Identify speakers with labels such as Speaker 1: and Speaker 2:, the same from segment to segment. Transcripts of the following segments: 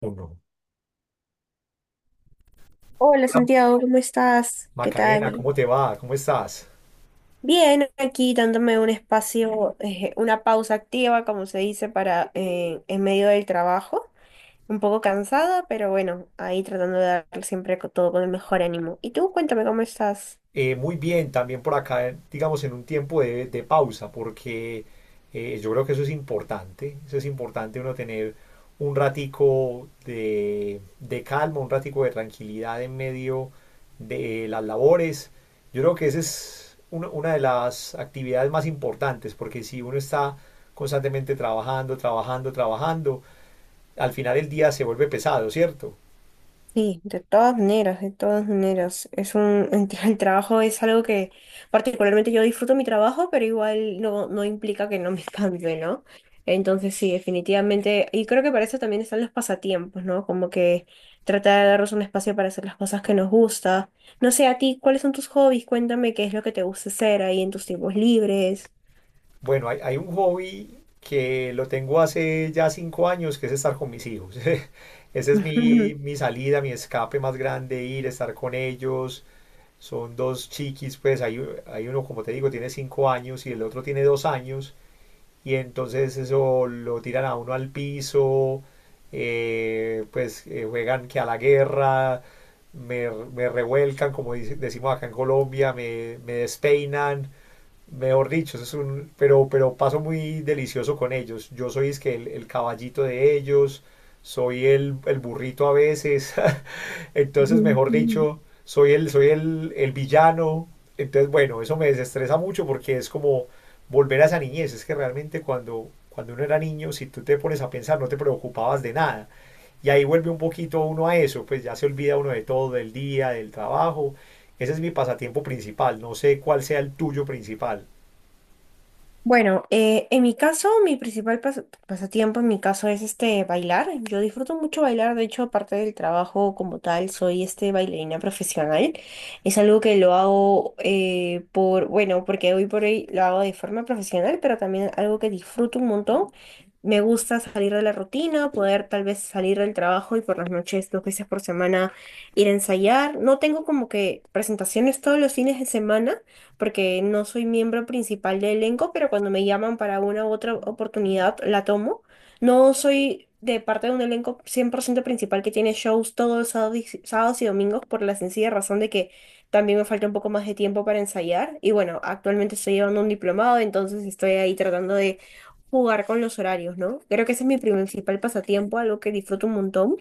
Speaker 1: Uno.
Speaker 2: Hola
Speaker 1: Hola,
Speaker 2: Santiago, ¿cómo estás? ¿Qué
Speaker 1: Macarena, ¿cómo
Speaker 2: tal?
Speaker 1: te va? ¿Cómo estás?
Speaker 2: Bien, aquí dándome un espacio, una pausa activa, como se dice, para en medio del trabajo. Un poco cansada, pero bueno, ahí tratando de dar siempre todo con el mejor ánimo. Y tú, cuéntame cómo estás.
Speaker 1: Muy bien, también por acá, digamos, en un tiempo de pausa, porque yo creo que eso es importante uno tener un ratico de calma, un ratico de tranquilidad en medio de las labores. Yo creo que esa es una de las actividades más importantes, porque si uno está constantemente trabajando, trabajando, trabajando, al final el día se vuelve pesado, ¿cierto?
Speaker 2: Sí, de todas maneras, de todas maneras. El trabajo es algo que particularmente yo disfruto mi trabajo, pero igual no, no implica que no me canse, ¿no? Entonces sí, definitivamente. Y creo que para eso también están los pasatiempos, ¿no? Como que tratar de darnos un espacio para hacer las cosas que nos gusta. No sé, a ti, ¿cuáles son tus hobbies? Cuéntame qué es lo que te gusta hacer ahí en tus tiempos libres.
Speaker 1: Bueno, hay un hobby que lo tengo hace ya cinco años, que es estar con mis hijos. Esa es mi salida, mi escape más grande, ir, estar con ellos. Son dos chiquis, pues hay uno, como te digo, tiene cinco años y el otro tiene dos años. Y entonces eso lo tiran a uno al piso, juegan que a la guerra, me revuelcan, como decimos acá en Colombia, me despeinan. Mejor dicho, eso es un, pero paso muy delicioso con ellos. Yo soy es que el caballito de ellos, soy el burrito a veces.
Speaker 2: Ujú,
Speaker 1: Entonces, mejor
Speaker 2: ujú.
Speaker 1: dicho, soy el villano. Entonces, bueno, eso me desestresa mucho porque es como volver a esa niñez. Es que realmente cuando uno era niño, si tú te pones a pensar, no te preocupabas de nada. Y ahí vuelve un poquito uno a eso, pues ya se olvida uno de todo, del día, del trabajo. Ese es mi pasatiempo principal. No sé cuál sea el tuyo principal.
Speaker 2: Bueno, en mi caso, mi principal pasatiempo en mi caso es este bailar. Yo disfruto mucho bailar, de hecho, aparte del trabajo como tal, soy este bailarina profesional. Es algo que lo hago por, bueno, porque hoy por hoy lo hago de forma profesional, pero también algo que disfruto un montón. Me gusta salir de la rutina, poder tal vez salir del trabajo y por las noches, dos veces por semana, ir a ensayar. No tengo como que presentaciones todos los fines de semana porque no soy miembro principal del elenco, pero cuando me llaman para una u otra oportunidad, la tomo. No soy de parte de un elenco 100% principal que tiene shows todos los sábados y sábados y domingos por la sencilla razón de que también me falta un poco más de tiempo para ensayar. Y bueno, actualmente estoy llevando un diplomado, entonces estoy ahí tratando de jugar con los horarios, ¿no? Creo que ese es mi principal pasatiempo, algo que disfruto un montón.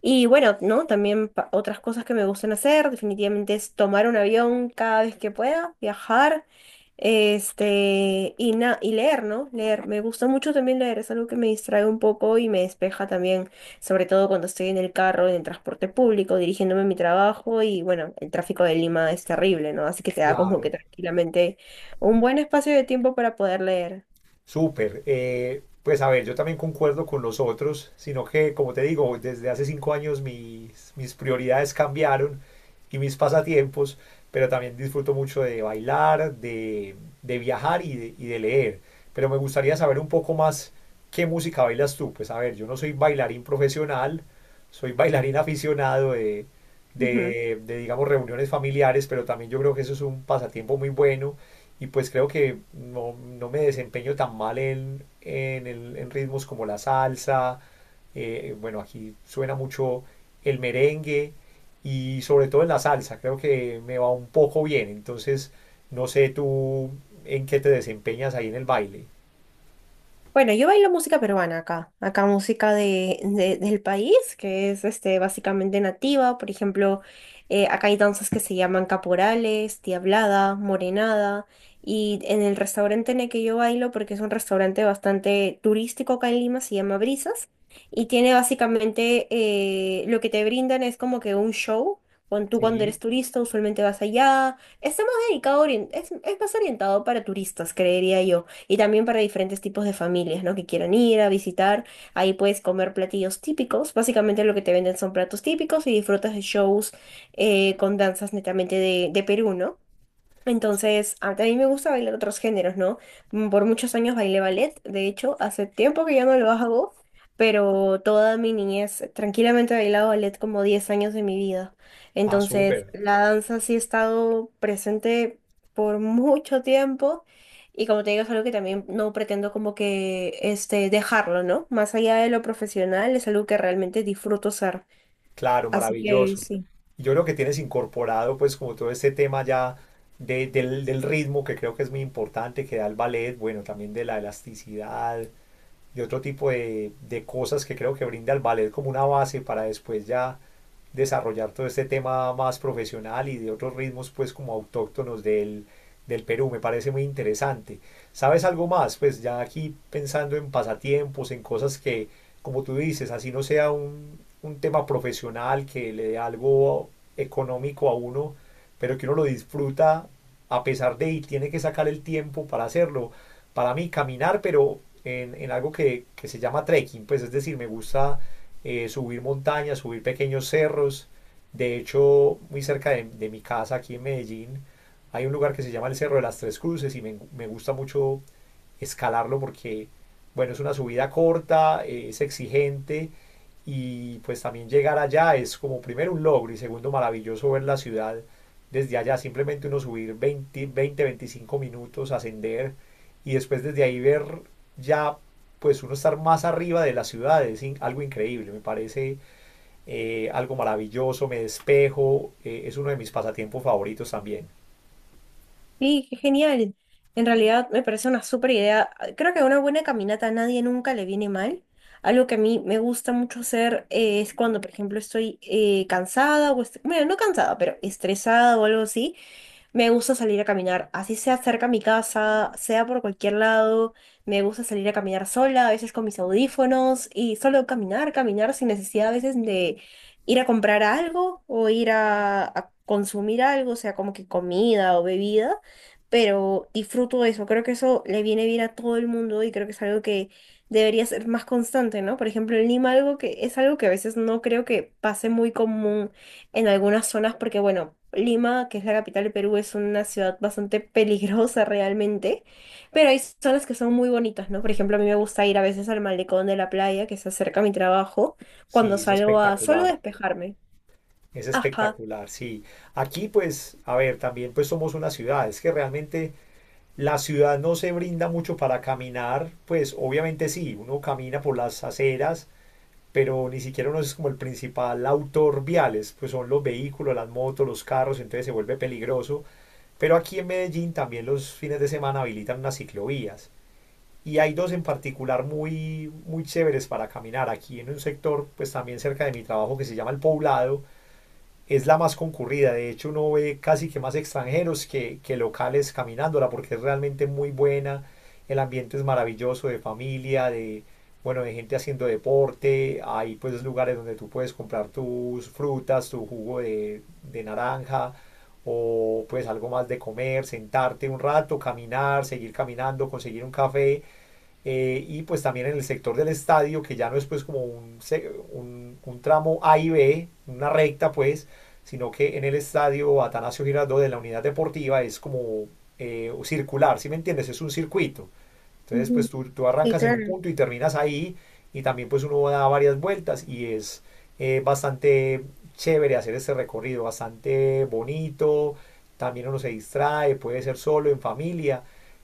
Speaker 2: Y bueno, ¿no? También otras cosas que me gustan hacer, definitivamente es tomar un avión cada vez que pueda, viajar, este, y leer, ¿no? Leer. Me gusta mucho también leer, es algo que me distrae un poco y me despeja también, sobre todo cuando estoy en el carro, en el transporte público, dirigiéndome a mi trabajo y bueno, el tráfico de Lima es terrible, ¿no? Así que te da como que
Speaker 1: Claro,
Speaker 2: tranquilamente un buen espacio de tiempo para poder leer.
Speaker 1: súper. Pues a ver, yo también concuerdo con los otros, sino que, como te digo, desde hace cinco años mis prioridades cambiaron y mis pasatiempos, pero también disfruto mucho de bailar, de viajar y de leer. Pero me gustaría saber un poco más qué música bailas tú. Pues a ver, yo no soy bailarín profesional, soy bailarín aficionado de, digamos, reuniones familiares, pero también yo creo que eso es un pasatiempo muy bueno y pues creo que no, no me desempeño tan mal en ritmos como la salsa, bueno, aquí suena mucho el merengue y sobre todo en la salsa, creo que me va un poco bien, entonces no sé tú en qué te desempeñas ahí en el baile.
Speaker 2: Bueno, yo bailo música peruana acá, acá música de, del país, que es este, básicamente nativa, por ejemplo, acá hay danzas que se llaman caporales, diablada, morenada, y en el restaurante en el que yo bailo, porque es un restaurante bastante turístico acá en Lima, se llama Brisas, y tiene básicamente, lo que te brindan es como que un show, cuando tú cuando
Speaker 1: Sí,
Speaker 2: eres turista usualmente vas allá, está más dedicado, es más orientado para turistas, creería yo, y también para diferentes tipos de familias, ¿no? Que quieran ir a visitar. Ahí puedes comer platillos típicos. Básicamente lo que te venden son platos típicos y disfrutas de shows con danzas netamente de Perú, ¿no? Entonces, a también me gusta bailar otros géneros, ¿no? Por muchos años bailé ballet, de hecho, hace tiempo que ya no lo hago, pero toda mi niñez tranquilamente he bailado ballet como 10 años de mi vida.
Speaker 1: ah,
Speaker 2: Entonces,
Speaker 1: súper,
Speaker 2: la danza sí ha estado presente por mucho tiempo y como te digo, es algo que también no pretendo como que este, dejarlo, ¿no? Más allá de lo profesional, es algo que realmente disfruto ser.
Speaker 1: claro,
Speaker 2: Así que
Speaker 1: maravilloso.
Speaker 2: sí.
Speaker 1: Yo creo que tienes incorporado pues como todo este tema ya del ritmo que creo que es muy importante, que da el ballet, bueno, también de la elasticidad, y otro tipo de cosas que creo que brinda el ballet como una base para después ya desarrollar todo este tema más profesional y de otros ritmos pues como autóctonos del Perú. Me parece muy interesante. ¿Sabes algo más? Pues ya aquí pensando en pasatiempos, en cosas que, como tú dices, así no sea un tema profesional que le dé algo económico a uno, pero que uno lo disfruta a pesar de y tiene que sacar el tiempo para hacerlo. Para mí caminar, pero en algo que se llama trekking, pues es decir, me gusta subir montañas, subir pequeños cerros. De hecho, muy cerca de mi casa, aquí en Medellín, hay un lugar que se llama el Cerro de las Tres Cruces y me gusta mucho escalarlo porque, bueno, es una subida corta, es exigente y pues también llegar allá es como primero un logro y segundo maravilloso ver la ciudad desde allá, simplemente uno subir 20, 20 25 minutos, ascender y después desde ahí ver ya pues uno estar más arriba de la ciudad es in- algo increíble, me parece algo maravilloso, me despejo, es uno de mis pasatiempos favoritos también.
Speaker 2: Sí, qué genial. En realidad me parece una súper idea. Creo que una buena caminata a nadie nunca le viene mal. Algo que a mí me gusta mucho hacer es cuando, por ejemplo, estoy cansada o, bueno, no cansada, pero estresada o algo así. Me gusta salir a caminar, así sea cerca a mi casa, sea por cualquier lado. Me gusta salir a caminar sola, a veces con mis audífonos y solo caminar, caminar sin necesidad a veces de ir a comprar algo o ir a consumir algo, sea como que comida o bebida. Pero disfruto eso, creo que eso le viene bien a todo el mundo y creo que es algo que debería ser más constante, ¿no? Por ejemplo, en Lima algo que es algo que a veces no creo que pase muy común en algunas zonas, porque bueno, Lima, que es la capital de Perú, es una ciudad bastante peligrosa realmente, pero hay zonas que son muy bonitas, ¿no? Por ejemplo, a mí me gusta ir a veces al malecón de la playa, que se acerca a mi trabajo, cuando
Speaker 1: Sí,
Speaker 2: salgo a solo despejarme.
Speaker 1: es
Speaker 2: Ajá.
Speaker 1: espectacular, sí. Aquí pues, a ver, también pues somos una ciudad, es que realmente la ciudad no se brinda mucho para caminar, pues obviamente sí, uno camina por las aceras, pero ni siquiera uno es como el principal autor viales, pues son los vehículos, las motos, los carros, entonces se vuelve peligroso. Pero aquí en Medellín también los fines de semana habilitan unas ciclovías y hay dos en particular muy, muy chéveres para caminar. Aquí en un sector, pues también cerca de mi trabajo que se llama El Poblado, es la más concurrida. De hecho, uno ve casi que más extranjeros que locales caminándola porque es realmente muy buena. El ambiente es maravilloso de familia, de, bueno, de gente haciendo deporte. Hay pues lugares donde tú puedes comprar tus frutas, tu jugo de naranja o pues algo más de comer, sentarte un rato, caminar, seguir caminando, conseguir un café y pues también en el sector del estadio, que ya no es pues como un tramo A y B, una recta pues, sino que en el estadio Atanasio Girardot de la unidad deportiva es como circular, ¿sí me entiendes? Es un circuito. Entonces,
Speaker 2: Ujú.
Speaker 1: pues tú
Speaker 2: Sí,
Speaker 1: arrancas en un
Speaker 2: claro.
Speaker 1: punto y terminas ahí y también pues uno da varias vueltas y es bastante chévere hacer este recorrido, bastante bonito, también uno se distrae, puede ser solo, en familia,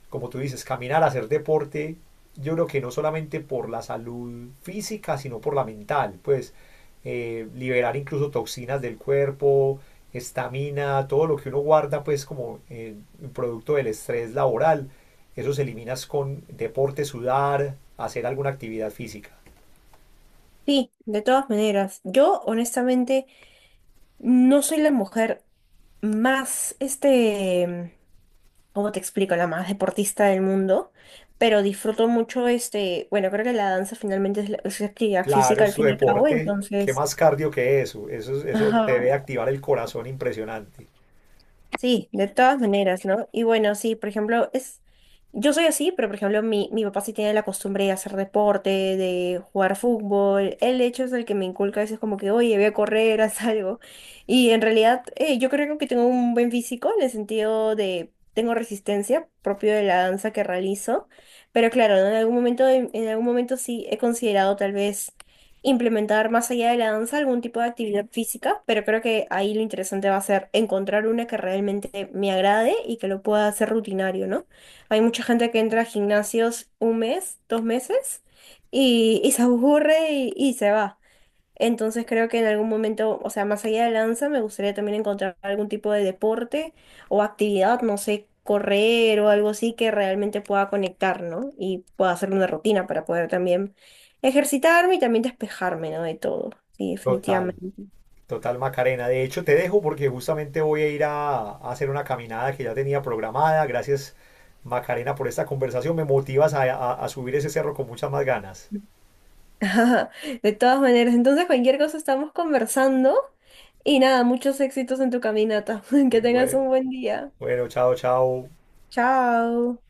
Speaker 1: como tú dices, caminar, hacer deporte, yo creo que no solamente por la salud física, sino por la mental, pues liberar incluso toxinas del cuerpo, estamina, todo lo que uno guarda pues como producto del estrés laboral esos eliminas con deporte, sudar, hacer alguna actividad física.
Speaker 2: Sí, de todas maneras, yo honestamente no soy la mujer más, este, ¿cómo te explico? La más deportista del mundo, pero disfruto mucho este, bueno, creo que la danza finalmente es, es actividad
Speaker 1: Claro,
Speaker 2: física al
Speaker 1: es tu
Speaker 2: fin y al cabo,
Speaker 1: deporte. ¿Qué
Speaker 2: entonces,
Speaker 1: más cardio que eso? Eso te
Speaker 2: ajá.
Speaker 1: debe activar el corazón impresionante.
Speaker 2: Sí, de todas maneras, ¿no? Y bueno, sí, por ejemplo, es, yo soy así, pero por ejemplo, mi papá sí tiene la costumbre de hacer deporte, de jugar fútbol. Él, de hecho, es el que me inculca a veces como que, oye, voy a correr, haz algo. Y en realidad, yo creo que tengo un buen físico en el sentido de, tengo resistencia propio de la danza que realizo. Pero claro, ¿no? En algún momento, en algún momento sí he considerado tal vez implementar más allá de la danza algún tipo de actividad física, pero creo que ahí lo interesante va a ser encontrar una que realmente me agrade y que lo pueda hacer rutinario, ¿no? Hay mucha gente que entra a gimnasios un mes, dos meses y se aburre y se va. Entonces creo que en algún momento, o sea, más allá de danza, me gustaría también encontrar algún tipo de deporte o actividad, no sé, correr o algo así que realmente pueda conectar, ¿no? Y pueda hacer una rutina para poder también ejercitarme y también despejarme, ¿no? De todo. Sí,
Speaker 1: Total,
Speaker 2: definitivamente.
Speaker 1: total Macarena. De hecho, te dejo porque justamente voy a ir a hacer una caminada que ya tenía programada. Gracias, Macarena, por esta conversación. Me motivas a, a subir ese cerro con muchas más ganas.
Speaker 2: De todas maneras, entonces cualquier cosa estamos conversando y nada, muchos éxitos en tu caminata. Que tengas
Speaker 1: Bue-
Speaker 2: un buen día.
Speaker 1: Bueno, chao, chao.
Speaker 2: Chao.